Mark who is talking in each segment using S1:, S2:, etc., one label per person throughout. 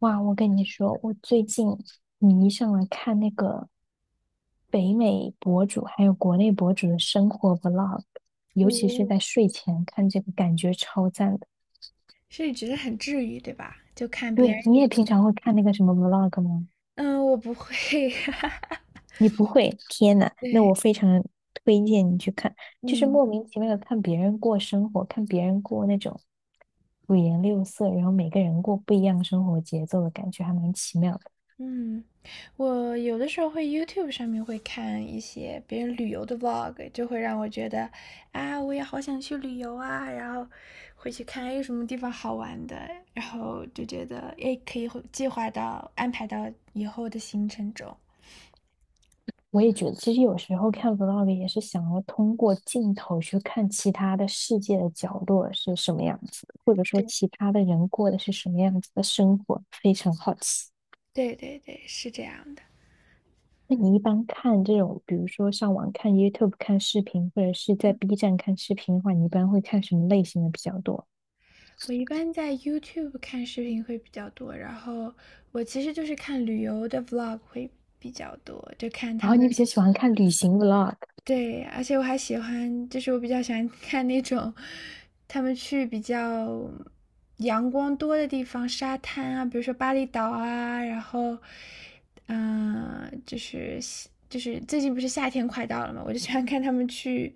S1: 哇，我跟你说，我最近迷上了看那个北美博主，还有国内博主的生活 vlog，尤其是
S2: 哦，
S1: 在睡前看这个，感觉超赞的。
S2: 所以你觉得很治愈，对吧？就看别
S1: 对，
S2: 人
S1: 你
S2: 的一
S1: 也平
S2: 天。
S1: 常会看那个什么 vlog 吗？
S2: 嗯，我不会。
S1: 你不会？天呐，那我
S2: 对，
S1: 非常推荐你去看，就是
S2: 嗯
S1: 莫名其妙的看别人过生活，看别人过那种五颜六色，然后每个人过不一样生活节奏的感觉，还蛮奇妙的。
S2: 嗯，我有的时候会 YouTube 上面会看一些别人旅游的 vlog，就会让我觉得啊，我也好想去旅游啊，然后回去看哎有什么地方好玩的，然后就觉得哎可以会计划到安排到以后的行程中。
S1: 我也觉得，其实有时候看 vlog 也是想要通过镜头去看其他的世界的角落是什么样子的或者说其
S2: 对
S1: 他的人过的是什么样子的生活，非常好奇。
S2: 对对对，是这样的。
S1: 那你一般看这种，比如说上网看 YouTube 看视频，或者是在 B 站看视频的话，你一般会看什么类型的比较多？
S2: 我一般在 YouTube 看视频会比较多，然后我其实就是看旅游的 vlog 会比较多，就看
S1: 然
S2: 他
S1: 后你
S2: 们
S1: 比较喜欢看旅行 vlog？
S2: 对，而且我还喜欢，就是我比较喜欢看那种他们去比较阳光多的地方，沙滩啊，比如说巴厘岛啊，然后，嗯、就是最近不是夏天快到了嘛，我就喜欢看他们去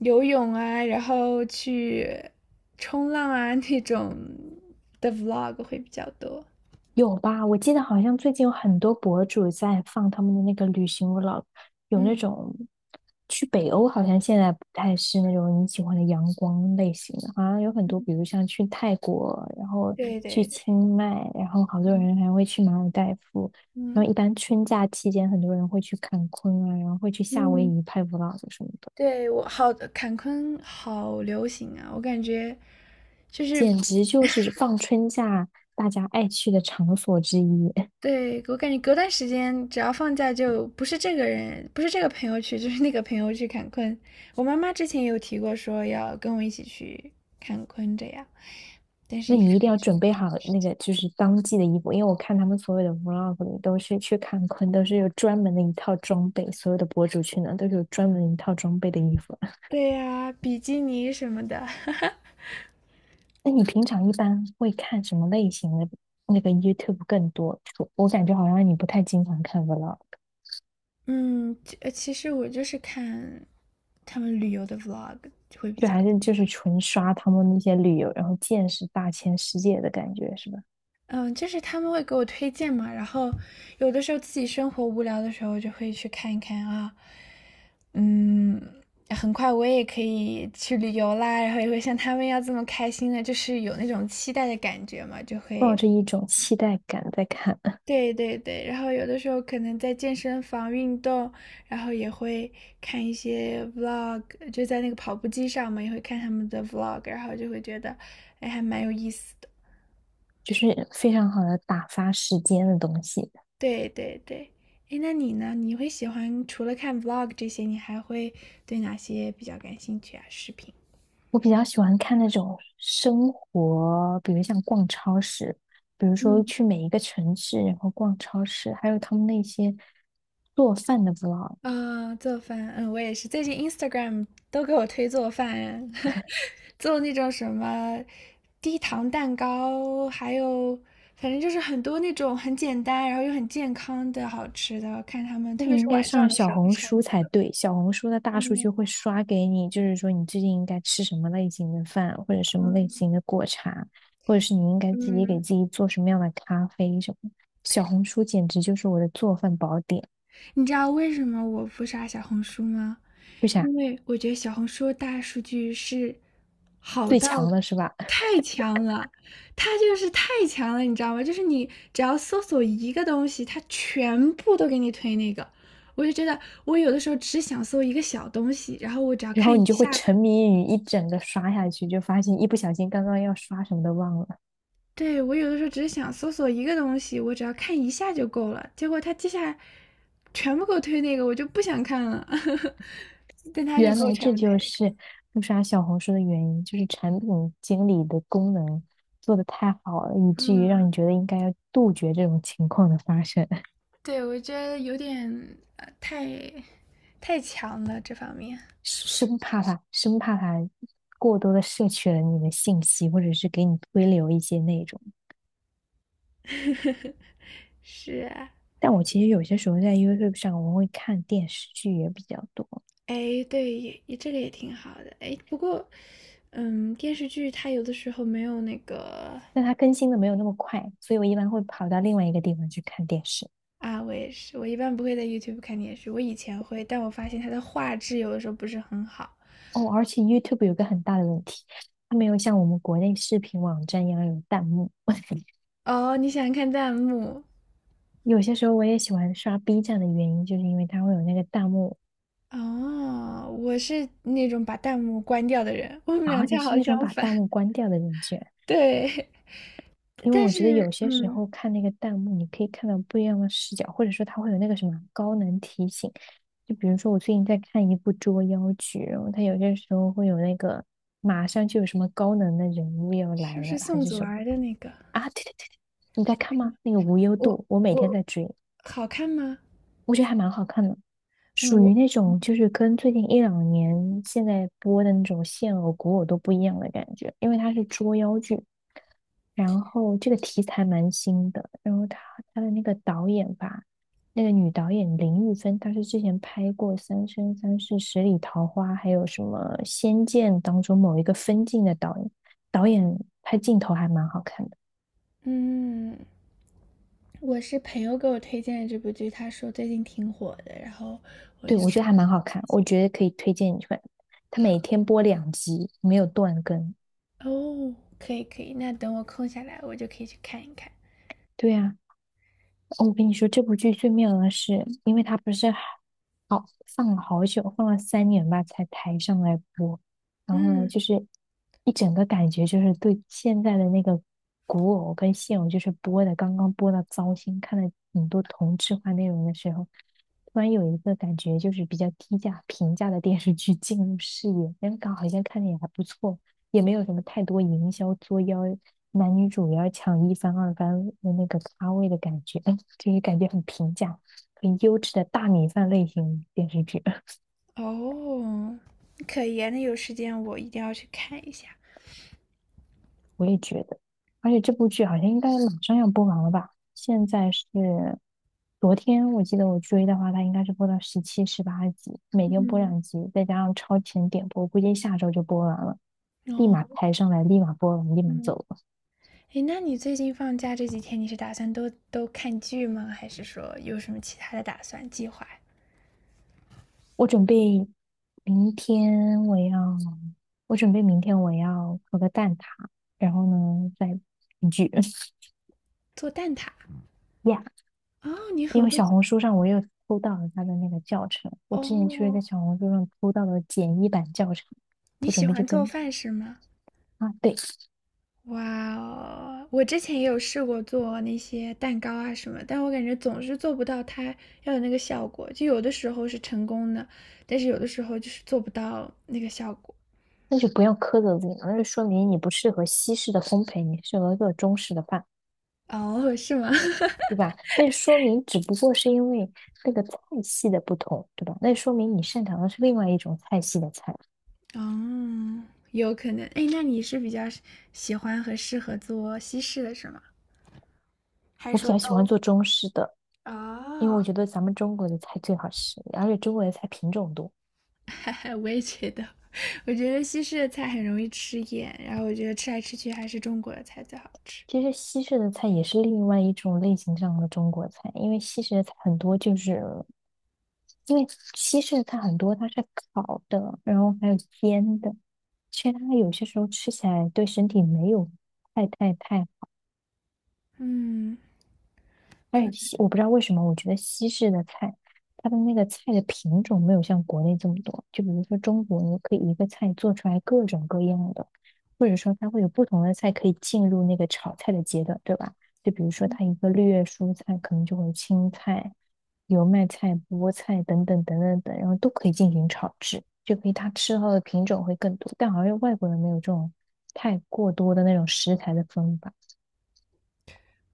S2: 游泳啊，然后去冲浪啊那种的 vlog 会比较多。
S1: 有吧？我记得好像最近有很多博主在放他们的那个旅行 vlog，有那
S2: 嗯，
S1: 种去北欧，好像现在不太是那种你喜欢的阳光类型的，好像有很多，比如像去泰国，然后
S2: 对
S1: 去
S2: 对对，
S1: 清迈，然后好多
S2: 嗯
S1: 人还会去马尔代夫，然
S2: 嗯
S1: 后一般春假期间，很多人会去看昆啊，然后会去夏威
S2: 嗯。
S1: 夷拍 vlog 什么的，
S2: 对，我好，坎昆好流行啊！我感觉就是，
S1: 简直就是放春假大家爱去的场所之一。
S2: 对，我感觉隔段时间只要放假就不是这个人，不是这个朋友去，就是那个朋友去坎昆。我妈妈之前也有提过说要跟我一起去坎昆这样，但是
S1: 那
S2: 一
S1: 你一
S2: 看
S1: 定
S2: 一
S1: 要
S2: 直没
S1: 准备
S2: 有到
S1: 好
S2: 时
S1: 那
S2: 间。
S1: 个就是当季的衣服，因为我看他们所有的 vlog 里都是去看昆，都是有专门的一套装备，所有的博主去呢都是有专门一套装备的衣服。
S2: 对呀，比基尼什么的，
S1: 那你平常一般会看什么类型的那个 YouTube 更多？我感觉好像你不太经常看 vlog，
S2: 嗯，其实我就是看他们旅游的 vlog 会比
S1: 就
S2: 较。
S1: 还是就是纯刷他们那些旅游，然后见识大千世界的感觉是吧？
S2: 嗯，就是他们会给我推荐嘛，然后有的时候自己生活无聊的时候，就会去看一看啊，嗯，很快我也可以去旅游啦，然后也会像他们一样这么开心的，就是有那种期待的感觉嘛，就
S1: 抱
S2: 会，
S1: 着一种期待感在看，
S2: 对对对，然后有的时候可能在健身房运动，然后也会看一些 vlog，就在那个跑步机上嘛，也会看他们的 vlog，然后就会觉得，哎，还蛮有意思的。
S1: 就是非常好的打发时间的东西。
S2: 对对对，哎，那你呢？你会喜欢除了看 vlog 这些，你还会对哪些比较感兴趣啊？视频？
S1: 我比较喜欢看那种生活，比如像逛超市，比如
S2: 嗯。
S1: 说去每一个城市，然后逛超市，还有他们那些做饭的 vlog。
S2: 啊，做饭，嗯，我也是，最近 Instagram 都给我推做饭，做那种什么低糖蛋糕，还有反正就是很多那种很简单，然后又很健康的好吃的，看他们，
S1: 那
S2: 特别
S1: 你
S2: 是
S1: 应该
S2: 晚上
S1: 上
S2: 的
S1: 小
S2: 时候
S1: 红
S2: 馋。
S1: 书才对，小红书的大数据
S2: 嗯
S1: 会刷给你，就是说你最近应该吃什么类型的饭，或者什么类
S2: 嗯
S1: 型的果茶，或者是你应该自己给
S2: 嗯。
S1: 自己做什么样的咖啡什么。小红书简直就是我的做饭宝典，
S2: 你知道为什么我不刷小红书吗？
S1: 为啥？
S2: 因为我觉得小红书的大数据是好
S1: 最
S2: 到
S1: 强了是吧？
S2: 太强了，它就是太强了，你知道吗？就是你只要搜索一个东西，它全部都给你推那个。我就觉得我有的时候只想搜一个小东西，然后我只要
S1: 然
S2: 看
S1: 后你
S2: 一
S1: 就会
S2: 下，
S1: 沉迷于一整个刷下去，就发现一不小心刚刚要刷什么都忘了。
S2: 对，我有的时候只是想搜索一个东西，我只要看一下就够了。结果它接下来全部给我推那个，我就不想看了，但他就
S1: 原
S2: 给我
S1: 来
S2: 全
S1: 这
S2: 部推
S1: 就
S2: 那个。
S1: 是不刷小红书的原因，就是产品经理的功能做得太好了，以至于让你
S2: 嗯，
S1: 觉得应该要杜绝这种情况的发生，
S2: 对，我觉得有点太强了，这方面
S1: 生怕它过多的摄取了你的信息，或者是给你推流一些内容。
S2: 是啊，
S1: 但我其实有些时候在 YouTube 上，我会看电视剧也比较多。
S2: 哎，对，也这个也挺好的，哎，不过，嗯，电视剧它有的时候没有那个
S1: 但它更新的没有那么快，所以我一般会跑到另外一个地方去看电视。
S2: 啊，我也是，我一般不会在 YouTube 看电视，我以前会，但我发现它的画质有的时候不是很好。
S1: 哦，而且 YouTube 有个很大的问题，它没有像我们国内视频网站一样有弹幕。
S2: 哦，你喜欢看弹幕？
S1: 有些时候我也喜欢刷 B 站的原因，就是因为它会有那个弹幕
S2: 哦，我是那种把弹幕关掉的人，我们
S1: 啊。
S2: 俩
S1: 你
S2: 恰
S1: 是
S2: 好
S1: 那种
S2: 相
S1: 把
S2: 反。
S1: 弹幕关掉的人居然。
S2: 对，
S1: 因为
S2: 但
S1: 我觉得
S2: 是，
S1: 有些时
S2: 嗯。
S1: 候看那个弹幕，你可以看到不一样的视角，或者说它会有那个什么高能提醒。就比如说，我最近在看一部捉妖剧，然后它有些时候会有那个马上就有什么高能的人物要
S2: 是不
S1: 来了，
S2: 是
S1: 还
S2: 宋
S1: 是
S2: 祖
S1: 什么
S2: 儿的那个？
S1: 啊？对对对，你在看吗？那个无忧
S2: 我
S1: 渡，我每天
S2: 我
S1: 在追，
S2: 好看吗？
S1: 我觉得还蛮好看的。属
S2: 嗯，
S1: 于
S2: 我
S1: 那种就是跟最近一两年现在播的那种现偶、古偶都不一样的感觉，因为它是捉妖剧，然后这个题材蛮新的，然后它的那个导演吧，那个女导演林玉芬，她是之前拍过《三生三世十里桃花》，还有什么《仙剑》当中某一个分镜的导演，导演拍镜头还蛮好看的，
S2: 嗯，我是朋友给我推荐的这部剧，他说最近挺火的，然后我
S1: 对，
S2: 就
S1: 我觉
S2: 说
S1: 得还蛮好看，我觉得可以推荐你去看，他
S2: 好
S1: 每天播两集，没有断更。
S2: 哦，可以可以，那等我空下来，我就可以去看一看。
S1: 对呀、哦我跟你说，这部剧最妙的是，因为它不是好放了好久，放了3年吧才抬上来播，然后呢，
S2: 嗯，
S1: 就是一整个感觉就是对现在的那个古偶跟现偶，就是播的刚刚播到糟心，看了很多同质化内容的时候，突然有一个感觉就是比较低价平价的电视剧进入视野，那个好像看着也还不错，也没有什么太多营销作妖，男女主要抢一番、二番的那个咖位的感觉，嗯，这是感觉很平价、很优质的大米饭类型电视剧，
S2: 哦，可以啊那有时间我一定要去看一下。
S1: 我也觉得。而且这部剧好像应该马上要播完了吧？现在是昨天，我记得我追的话，它应该是播到17、18集，每天播两集，再加上超前点播，估计下周就播完了，立马
S2: 哦，
S1: 抬上来，立马播完，立马
S2: 嗯，
S1: 走。
S2: 诶，那你最近放假这几天，你是打算都看剧吗？还是说有什么其他的打算计划？
S1: 我准备明天我要，我准备明天我要烤个蛋挞，然后呢再一句
S2: 做蛋挞？
S1: 呀，
S2: 哦，你
S1: 因
S2: 很
S1: 为
S2: 会
S1: 小
S2: 做
S1: 红书上我又偷到了他的那个教程，我之前就是在
S2: 哦，
S1: 小红书上偷到了简易版教程，
S2: 你
S1: 我
S2: 喜
S1: 准备就
S2: 欢做
S1: 跟
S2: 饭是吗？
S1: 啊对，
S2: 哇哦，我之前也有试过做那些蛋糕啊什么，但我感觉总是做不到它要有那个效果。就有的时候是成功的，但是有的时候就是做不到那个效果。
S1: 那就不要苛责自己了，那就说明你不适合西式的烘焙，你适合做中式的饭，
S2: 哦，是吗？
S1: 对吧？那说明只不过是因为那个菜系的不同，对吧？那说明你擅长的是另外一种菜系的菜。
S2: 哦，有可能。哎，那你是比较喜欢和适合做西式的是吗？还是
S1: 我比
S2: 说
S1: 较喜欢
S2: 都？
S1: 做中式的，因为
S2: 哦，
S1: 我觉得咱们中国的菜最好吃，而且中国的菜品种多。
S2: 哈哈，我也觉得，我觉得西式的菜很容易吃厌，然后我觉得吃来吃去还是中国的菜最好吃。
S1: 其实西式的菜也是另外一种类型上的中国菜，因为西式的菜很多就是，因为西式的菜很多它是烤的，然后还有煎的，其实它有些时候吃起来对身体没有太
S2: 嗯，可能，
S1: 我不知道为什么，我觉得西式的菜，它的那个菜的品种没有像国内这么多。就比如说中国，你可以一个菜做出来各种各样的，或者说它会有不同的菜可以进入那个炒菜的阶段，对吧？就比如说它一个绿叶蔬菜，可能就会有青菜、油麦菜、菠菜等等等等等，然后都可以进行炒制，就可以它吃到的品种会更多。但好像外国人没有这种太过多的那种食材的分法，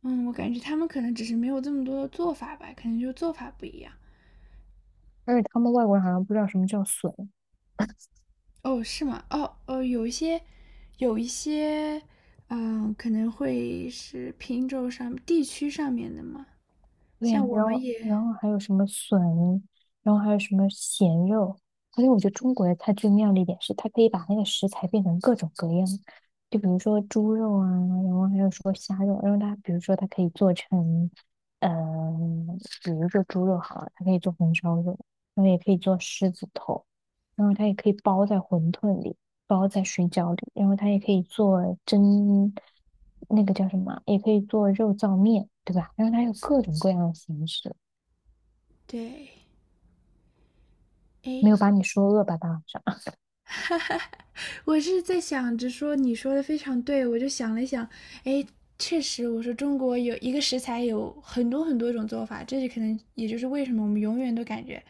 S2: 嗯，我感觉他们可能只是没有这么多的做法吧，可能就做法不一样。
S1: 而且他们外国人好像不知道什么叫笋。
S2: 哦，是吗？哦，哦，有一些，有一些，嗯，可能会是品种上、地区上面的嘛。
S1: 对
S2: 像
S1: 呀、
S2: 我
S1: 然
S2: 们
S1: 后
S2: 也
S1: 然后还有什么笋，然后还有什么咸肉，而且我觉得中国的菜最妙的一点是，它可以把那个食材变成各种各样，就比如说猪肉啊，然后还有说虾肉，然后它比如说它可以做成，嗯、比如说猪肉好了，它可以做红烧肉，然后也可以做狮子头，然后它也可以包在馄饨里，包在水饺里，然后它也可以做蒸，那个叫什么，也可以做肉燥面，对吧？然后它有各种各样的形式，
S2: 对，
S1: 没
S2: 哎，
S1: 有把你说饿吧，大晚上，
S2: 我是在想着说，你说的非常对，我就想了想，哎，确实，我说中国有一个食材有很多很多种做法，这就可能也就是为什么我们永远都感觉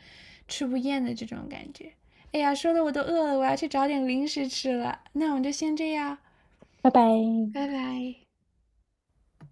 S2: 吃不厌的这种感觉。哎呀，说的我都饿了，我要去找点零食吃了。那我们就先这样，
S1: 拜
S2: 拜
S1: 拜。
S2: 拜。